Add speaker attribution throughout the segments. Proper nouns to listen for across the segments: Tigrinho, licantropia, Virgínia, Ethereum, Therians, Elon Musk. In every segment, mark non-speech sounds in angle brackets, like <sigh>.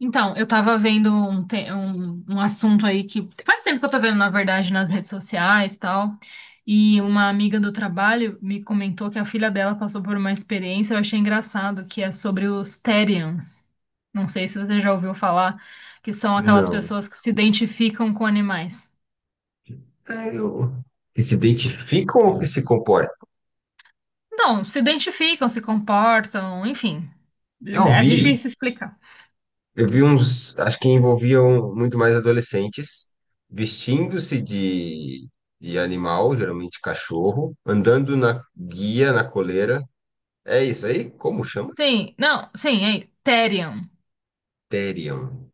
Speaker 1: Eu tava vendo um assunto aí que faz tempo que eu tô vendo, na verdade, nas redes sociais e tal. E uma amiga do trabalho me comentou que a filha dela passou por uma experiência, eu achei engraçado, que é sobre os Therians. Não sei se você já ouviu falar, que são aquelas
Speaker 2: Não.
Speaker 1: pessoas que se identificam com animais.
Speaker 2: É, eu- Que se identificam ou que se comportam?
Speaker 1: Não, se identificam, se comportam, enfim.
Speaker 2: Eu
Speaker 1: É
Speaker 2: vi,
Speaker 1: difícil explicar.
Speaker 2: eu vi uns, acho que envolviam muito mais adolescentes, vestindo-se de animal, geralmente cachorro, andando na guia, na coleira. É isso aí? Como chama?
Speaker 1: Sim, não, sim, é Therian.
Speaker 2: Terion.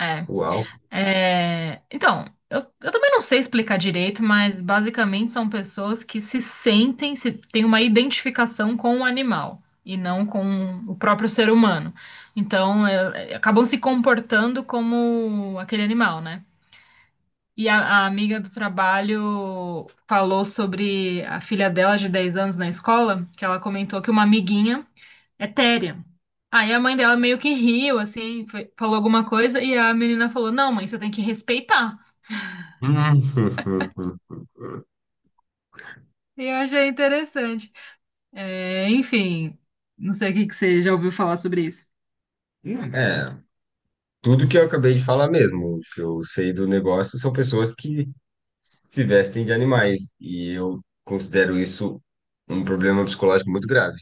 Speaker 1: É.
Speaker 2: Uau.
Speaker 1: Então, eu também não sei explicar direito, mas basicamente são pessoas que se sentem, se têm uma identificação com o animal e não com o próprio ser humano. Então acabam se comportando como aquele animal, né? E a, a amiga do trabalho falou sobre a filha dela de 10 anos na escola, que ela comentou que uma amiguinha é téria. Aí a mãe dela meio que riu, assim, falou alguma coisa, e a menina falou: Não, mãe, você tem que respeitar.
Speaker 2: Hum. <laughs>
Speaker 1: Eu achei interessante. Enfim, não sei o que que você já ouviu falar sobre isso.
Speaker 2: É, tudo que eu acabei de falar mesmo, o que eu sei do negócio são pessoas que se vestem de animais. E eu considero isso um problema psicológico muito grave.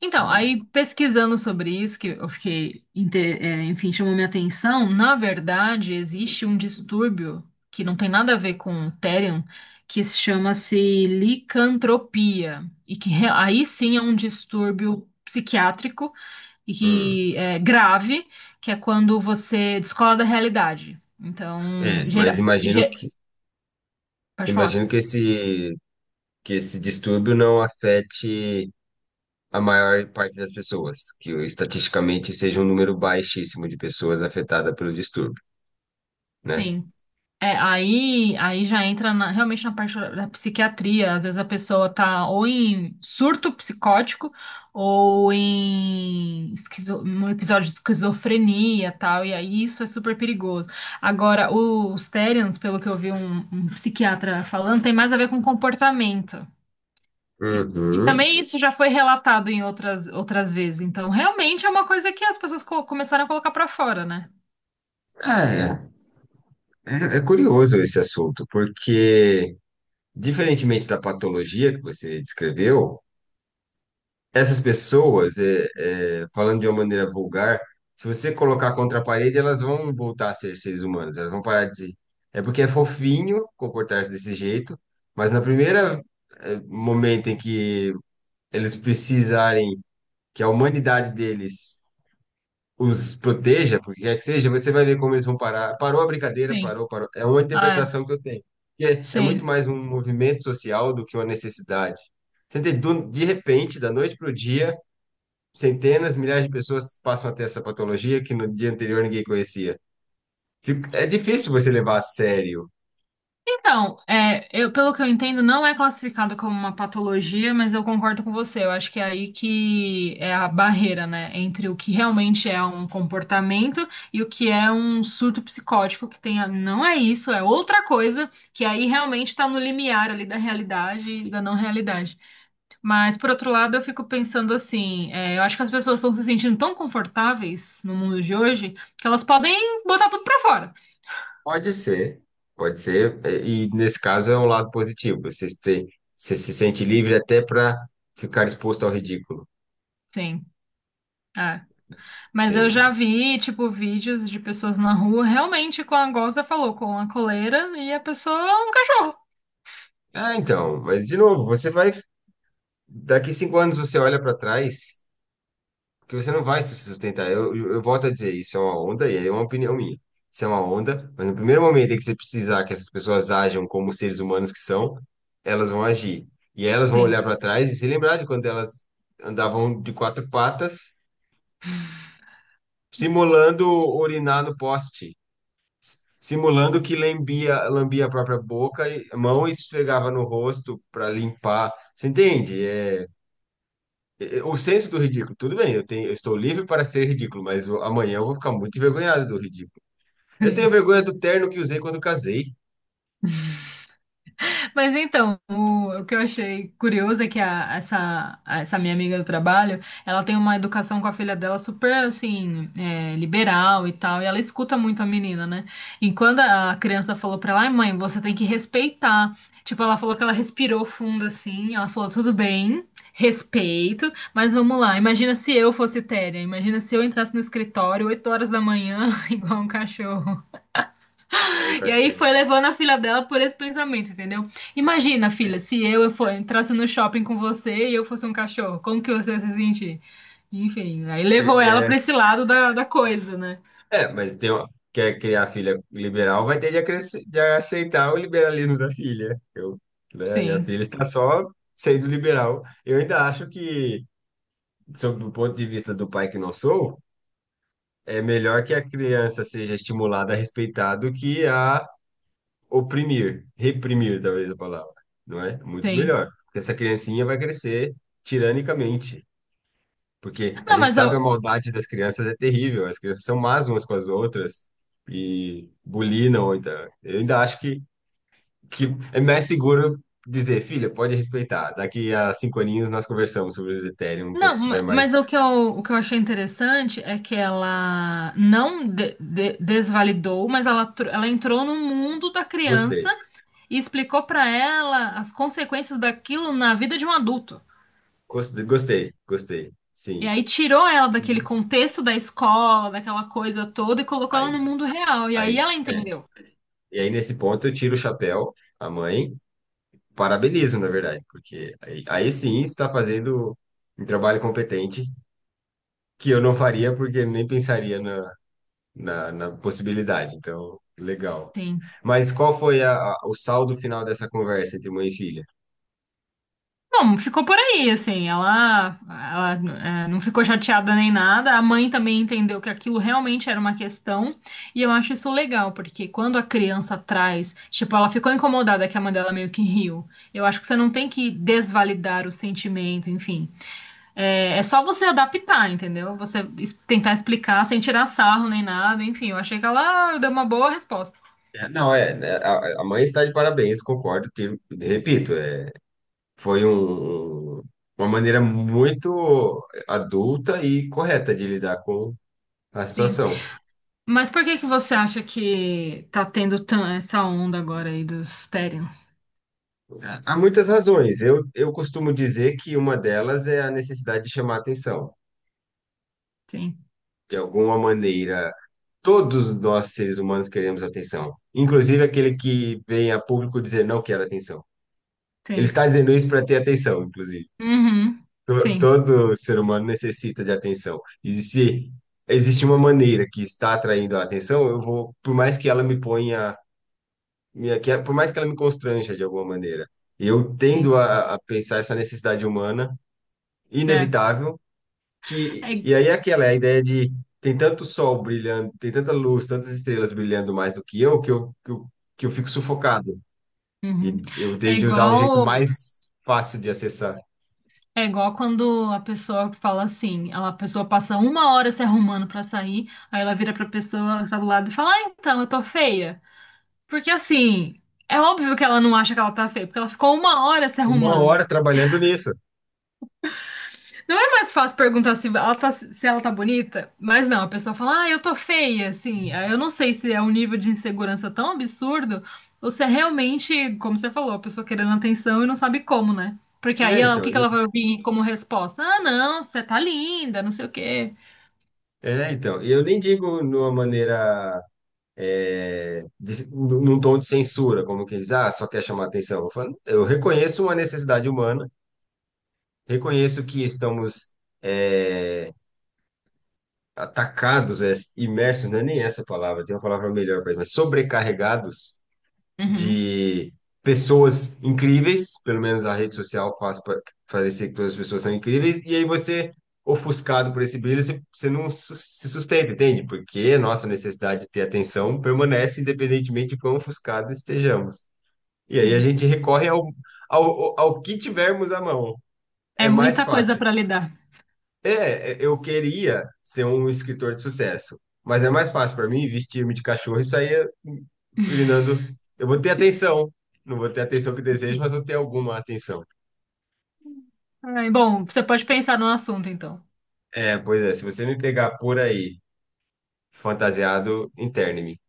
Speaker 1: Então,
Speaker 2: Hum.
Speaker 1: aí pesquisando sobre isso, que eu fiquei, enfim, chamou minha atenção, na verdade, existe um distúrbio que não tem nada a ver com o Therion, que se chama-se licantropia, e que aí sim é um distúrbio psiquiátrico e
Speaker 2: Hum.
Speaker 1: que é grave, que é quando você descola da realidade. Então,
Speaker 2: É, mas imagino que,
Speaker 1: pode falar.
Speaker 2: imagino que que esse distúrbio não afete a maior parte das pessoas, que estatisticamente seja um número baixíssimo de pessoas afetadas pelo distúrbio, né?
Speaker 1: Sim. É, aí já entra realmente na parte da psiquiatria. Às vezes a pessoa tá ou em surto psicótico ou em um episódio de esquizofrenia tal, e aí isso é super perigoso. Agora, os Therians, pelo que eu vi um psiquiatra falando, tem mais a ver com comportamento. E, e
Speaker 2: Uhum.
Speaker 1: também Uhum. isso já foi relatado em outras vezes. Então, realmente é uma coisa que as pessoas começaram a colocar pra fora, né?
Speaker 2: É, é curioso esse assunto, porque, diferentemente da patologia que você descreveu, essas pessoas, falando de uma maneira vulgar, se você colocar contra a parede, elas vão voltar a ser seres humanos, elas vão parar de ser. É porque é fofinho comportar-se desse jeito, mas na momento em que eles precisarem que a humanidade deles os proteja, porque quer que seja, você vai ver como eles vão parar. Parou a brincadeira,
Speaker 1: Sim.
Speaker 2: parou, parou. É uma
Speaker 1: Ah, é.
Speaker 2: interpretação que eu tenho. É muito
Speaker 1: Sim.
Speaker 2: mais um movimento social do que uma necessidade. Você entende? De repente, da noite para o dia, centenas, milhares de pessoas passam a ter essa patologia que no dia anterior ninguém conhecia. É difícil você levar a sério.
Speaker 1: Pelo que eu entendo, não é classificada como uma patologia, mas eu concordo com você. Eu acho que é aí que é a barreira, né, entre o que realmente é um comportamento e o que é um surto psicótico, que tem, não é isso, é outra coisa, que aí realmente está no limiar ali da realidade e da não realidade. Mas, por outro lado, eu fico pensando assim, é, eu acho que as pessoas estão se sentindo tão confortáveis no mundo de hoje que elas podem botar tudo pra fora.
Speaker 2: Pode ser, pode ser. E nesse caso é um lado positivo. Você se sente livre até para ficar exposto ao ridículo.
Speaker 1: Sim. É. Mas eu
Speaker 2: E-
Speaker 1: já vi, tipo, vídeos de pessoas na rua, realmente, com a goza falou, com a coleira e a pessoa é um cachorro.
Speaker 2: Ah, então, mas de novo, você vai. Daqui 5 anos você olha para trás, porque você não vai se sustentar. Eu volto a dizer, isso é uma onda, e aí é uma opinião minha. Isso é uma onda, mas no primeiro momento em que você precisar que essas pessoas ajam como seres humanos que são, elas vão agir. E elas vão
Speaker 1: Sim.
Speaker 2: olhar para trás e se lembrar de quando elas andavam de quatro patas, simulando urinar no poste, simulando que lambia a própria boca e mão e esfregava no rosto para limpar. Você entende? O senso do ridículo, tudo bem, eu tenho, eu estou livre para ser ridículo, mas amanhã eu vou ficar muito envergonhado do ridículo. Eu tenho
Speaker 1: <laughs>
Speaker 2: vergonha do terno que usei quando casei.
Speaker 1: Mas então, o que eu achei curioso é que essa minha amiga do trabalho, ela tem uma educação com a filha dela super, assim, é, liberal e tal, e ela escuta muito a menina, né? E quando a criança falou pra ela, ai mãe, você tem que respeitar. Tipo, ela falou que ela respirou fundo, assim, ela falou, tudo bem, respeito, mas vamos lá, imagina se eu fosse Téria, imagina se eu entrasse no escritório 8 horas da manhã, <laughs> igual um cachorro.
Speaker 2: Igual o
Speaker 1: E aí
Speaker 2: cachorro.
Speaker 1: foi levando a filha dela por esse pensamento, entendeu? Imagina, filha, se eu entrasse no shopping com você e eu fosse um cachorro, como que você ia se sentir? Enfim, aí
Speaker 2: É,
Speaker 1: levou ela
Speaker 2: é,
Speaker 1: pra esse lado da coisa, né?
Speaker 2: mas quer criar filha liberal, vai ter de aceitar o liberalismo da filha. Né, minha
Speaker 1: Sim,
Speaker 2: filha está só sendo liberal. Eu ainda acho que, sob o ponto de vista do pai que não sou, é melhor que a criança seja estimulada a respeitar do que a oprimir, reprimir, talvez a palavra, não é? Muito
Speaker 1: sim.
Speaker 2: melhor. Porque essa criancinha vai crescer tiranicamente. Porque a
Speaker 1: Não,
Speaker 2: gente
Speaker 1: mas
Speaker 2: sabe
Speaker 1: eu,
Speaker 2: a maldade das crianças é terrível, as crianças são más umas com as outras e bulinam. Então, eu ainda acho que é mais seguro dizer, filha, pode respeitar. Daqui a 5 aninhos nós conversamos sobre o Ethereum quando
Speaker 1: não,
Speaker 2: estiver
Speaker 1: ma-
Speaker 2: mais.
Speaker 1: mas o que eu achei interessante é que ela não desvalidou, mas ela, ela entrou no mundo da criança
Speaker 2: Gostei,
Speaker 1: e explicou pra ela as consequências daquilo na vida de um adulto.
Speaker 2: gostei, gostei, gostei,
Speaker 1: E
Speaker 2: sim.
Speaker 1: aí tirou ela daquele
Speaker 2: E
Speaker 1: contexto da escola, daquela coisa toda, e colocou ela
Speaker 2: aí,
Speaker 1: no mundo real. E aí
Speaker 2: aí,
Speaker 1: ela
Speaker 2: é.
Speaker 1: entendeu.
Speaker 2: E aí, nesse ponto, eu tiro o chapéu à mãe. Parabenizo, na verdade, porque aí sim está fazendo um trabalho competente que eu não faria porque nem pensaria na possibilidade. Então, legal.
Speaker 1: Sim.
Speaker 2: Mas qual foi o saldo final dessa conversa entre mãe e filha?
Speaker 1: Bom, ficou por aí, assim. Ela não ficou chateada nem nada. A mãe também entendeu que aquilo realmente era uma questão. E eu acho isso legal, porque quando a criança traz, tipo, ela ficou incomodada que a mãe dela meio que riu. Eu acho que você não tem que desvalidar o sentimento, enfim. É, é só você adaptar, entendeu? Tentar explicar sem tirar sarro nem nada. Enfim, eu achei que ela deu uma boa resposta.
Speaker 2: É, Não, é, né, a mãe está de parabéns, concordo, repito, foi uma maneira muito adulta e correta de lidar com a
Speaker 1: Sim.
Speaker 2: situação.
Speaker 1: Mas por que que você acha que tá tendo essa onda agora aí dos Therians?
Speaker 2: Há muitas razões. Eu costumo dizer que uma delas é a necessidade de chamar atenção.
Speaker 1: Sim,
Speaker 2: De alguma maneira, todos nós, seres humanos, queremos atenção. Inclusive aquele que vem a público dizer não quero atenção. Ele
Speaker 1: sim.
Speaker 2: está dizendo isso para ter atenção, inclusive.
Speaker 1: Uhum. Sim,
Speaker 2: Todo ser humano necessita de atenção. E se existe uma maneira que está atraindo a atenção, eu vou, por mais que ela me ponha, por mais que ela me constranja de alguma maneira, eu
Speaker 1: sim.
Speaker 2: tendo a pensar essa necessidade humana
Speaker 1: É.
Speaker 2: inevitável que
Speaker 1: É,
Speaker 2: e aí é aquela é a ideia de tem tanto sol brilhando, tem tanta luz, tantas estrelas brilhando mais do que eu, que eu fico sufocado. E
Speaker 1: uhum.
Speaker 2: eu
Speaker 1: É
Speaker 2: tenho de usar o jeito
Speaker 1: igual,
Speaker 2: mais fácil de acessar.
Speaker 1: é igual quando a pessoa fala assim, ela, a pessoa passa uma hora se arrumando pra sair, aí ela vira pra pessoa que tá do lado e fala, ah, então, eu tô feia. Porque assim, é óbvio que ela não acha que ela tá feia, porque ela ficou uma hora se
Speaker 2: Uma hora
Speaker 1: arrumando.
Speaker 2: trabalhando nisso.
Speaker 1: Não é mais fácil perguntar se ela tá, se ela tá bonita, mas não, a pessoa fala, ah, eu tô feia, assim. Ah, eu não sei se é um nível de insegurança tão absurdo, ou se é realmente, como você falou, a pessoa querendo atenção e não sabe como, né? Porque aí
Speaker 2: É,
Speaker 1: o que
Speaker 2: então,
Speaker 1: que ela
Speaker 2: e,
Speaker 1: vai ouvir como resposta? Ah, não, você tá linda, não sei o quê.
Speaker 2: é, então, eu nem digo numa maneira é, de, num num tom de censura, como quem diz, ah, só quer chamar atenção. Eu falo, eu reconheço uma necessidade humana, reconheço que estamos é, atacados, imersos, não é nem essa palavra, tem uma palavra melhor para isso, mas sobrecarregados
Speaker 1: Uhum,
Speaker 2: de pessoas incríveis, pelo menos a rede social parecer que todas as pessoas são incríveis, e aí você, ofuscado por esse brilho, você se sustenta, entende? Porque a nossa necessidade de ter atenção permanece independentemente de quão ofuscados estejamos. E aí a
Speaker 1: sim.
Speaker 2: gente recorre ao que tivermos à mão.
Speaker 1: É
Speaker 2: É mais
Speaker 1: muita coisa
Speaker 2: fácil.
Speaker 1: pra lidar.
Speaker 2: Eu queria ser um escritor de sucesso, mas é mais fácil para mim vestir-me de cachorro e sair urinando. Eu vou ter atenção, não vou ter a atenção que desejo, mas vou ter alguma atenção.
Speaker 1: Ai, bom, você pode pensar no assunto, então.
Speaker 2: É, pois é, se você me pegar por aí, fantasiado, interne-me.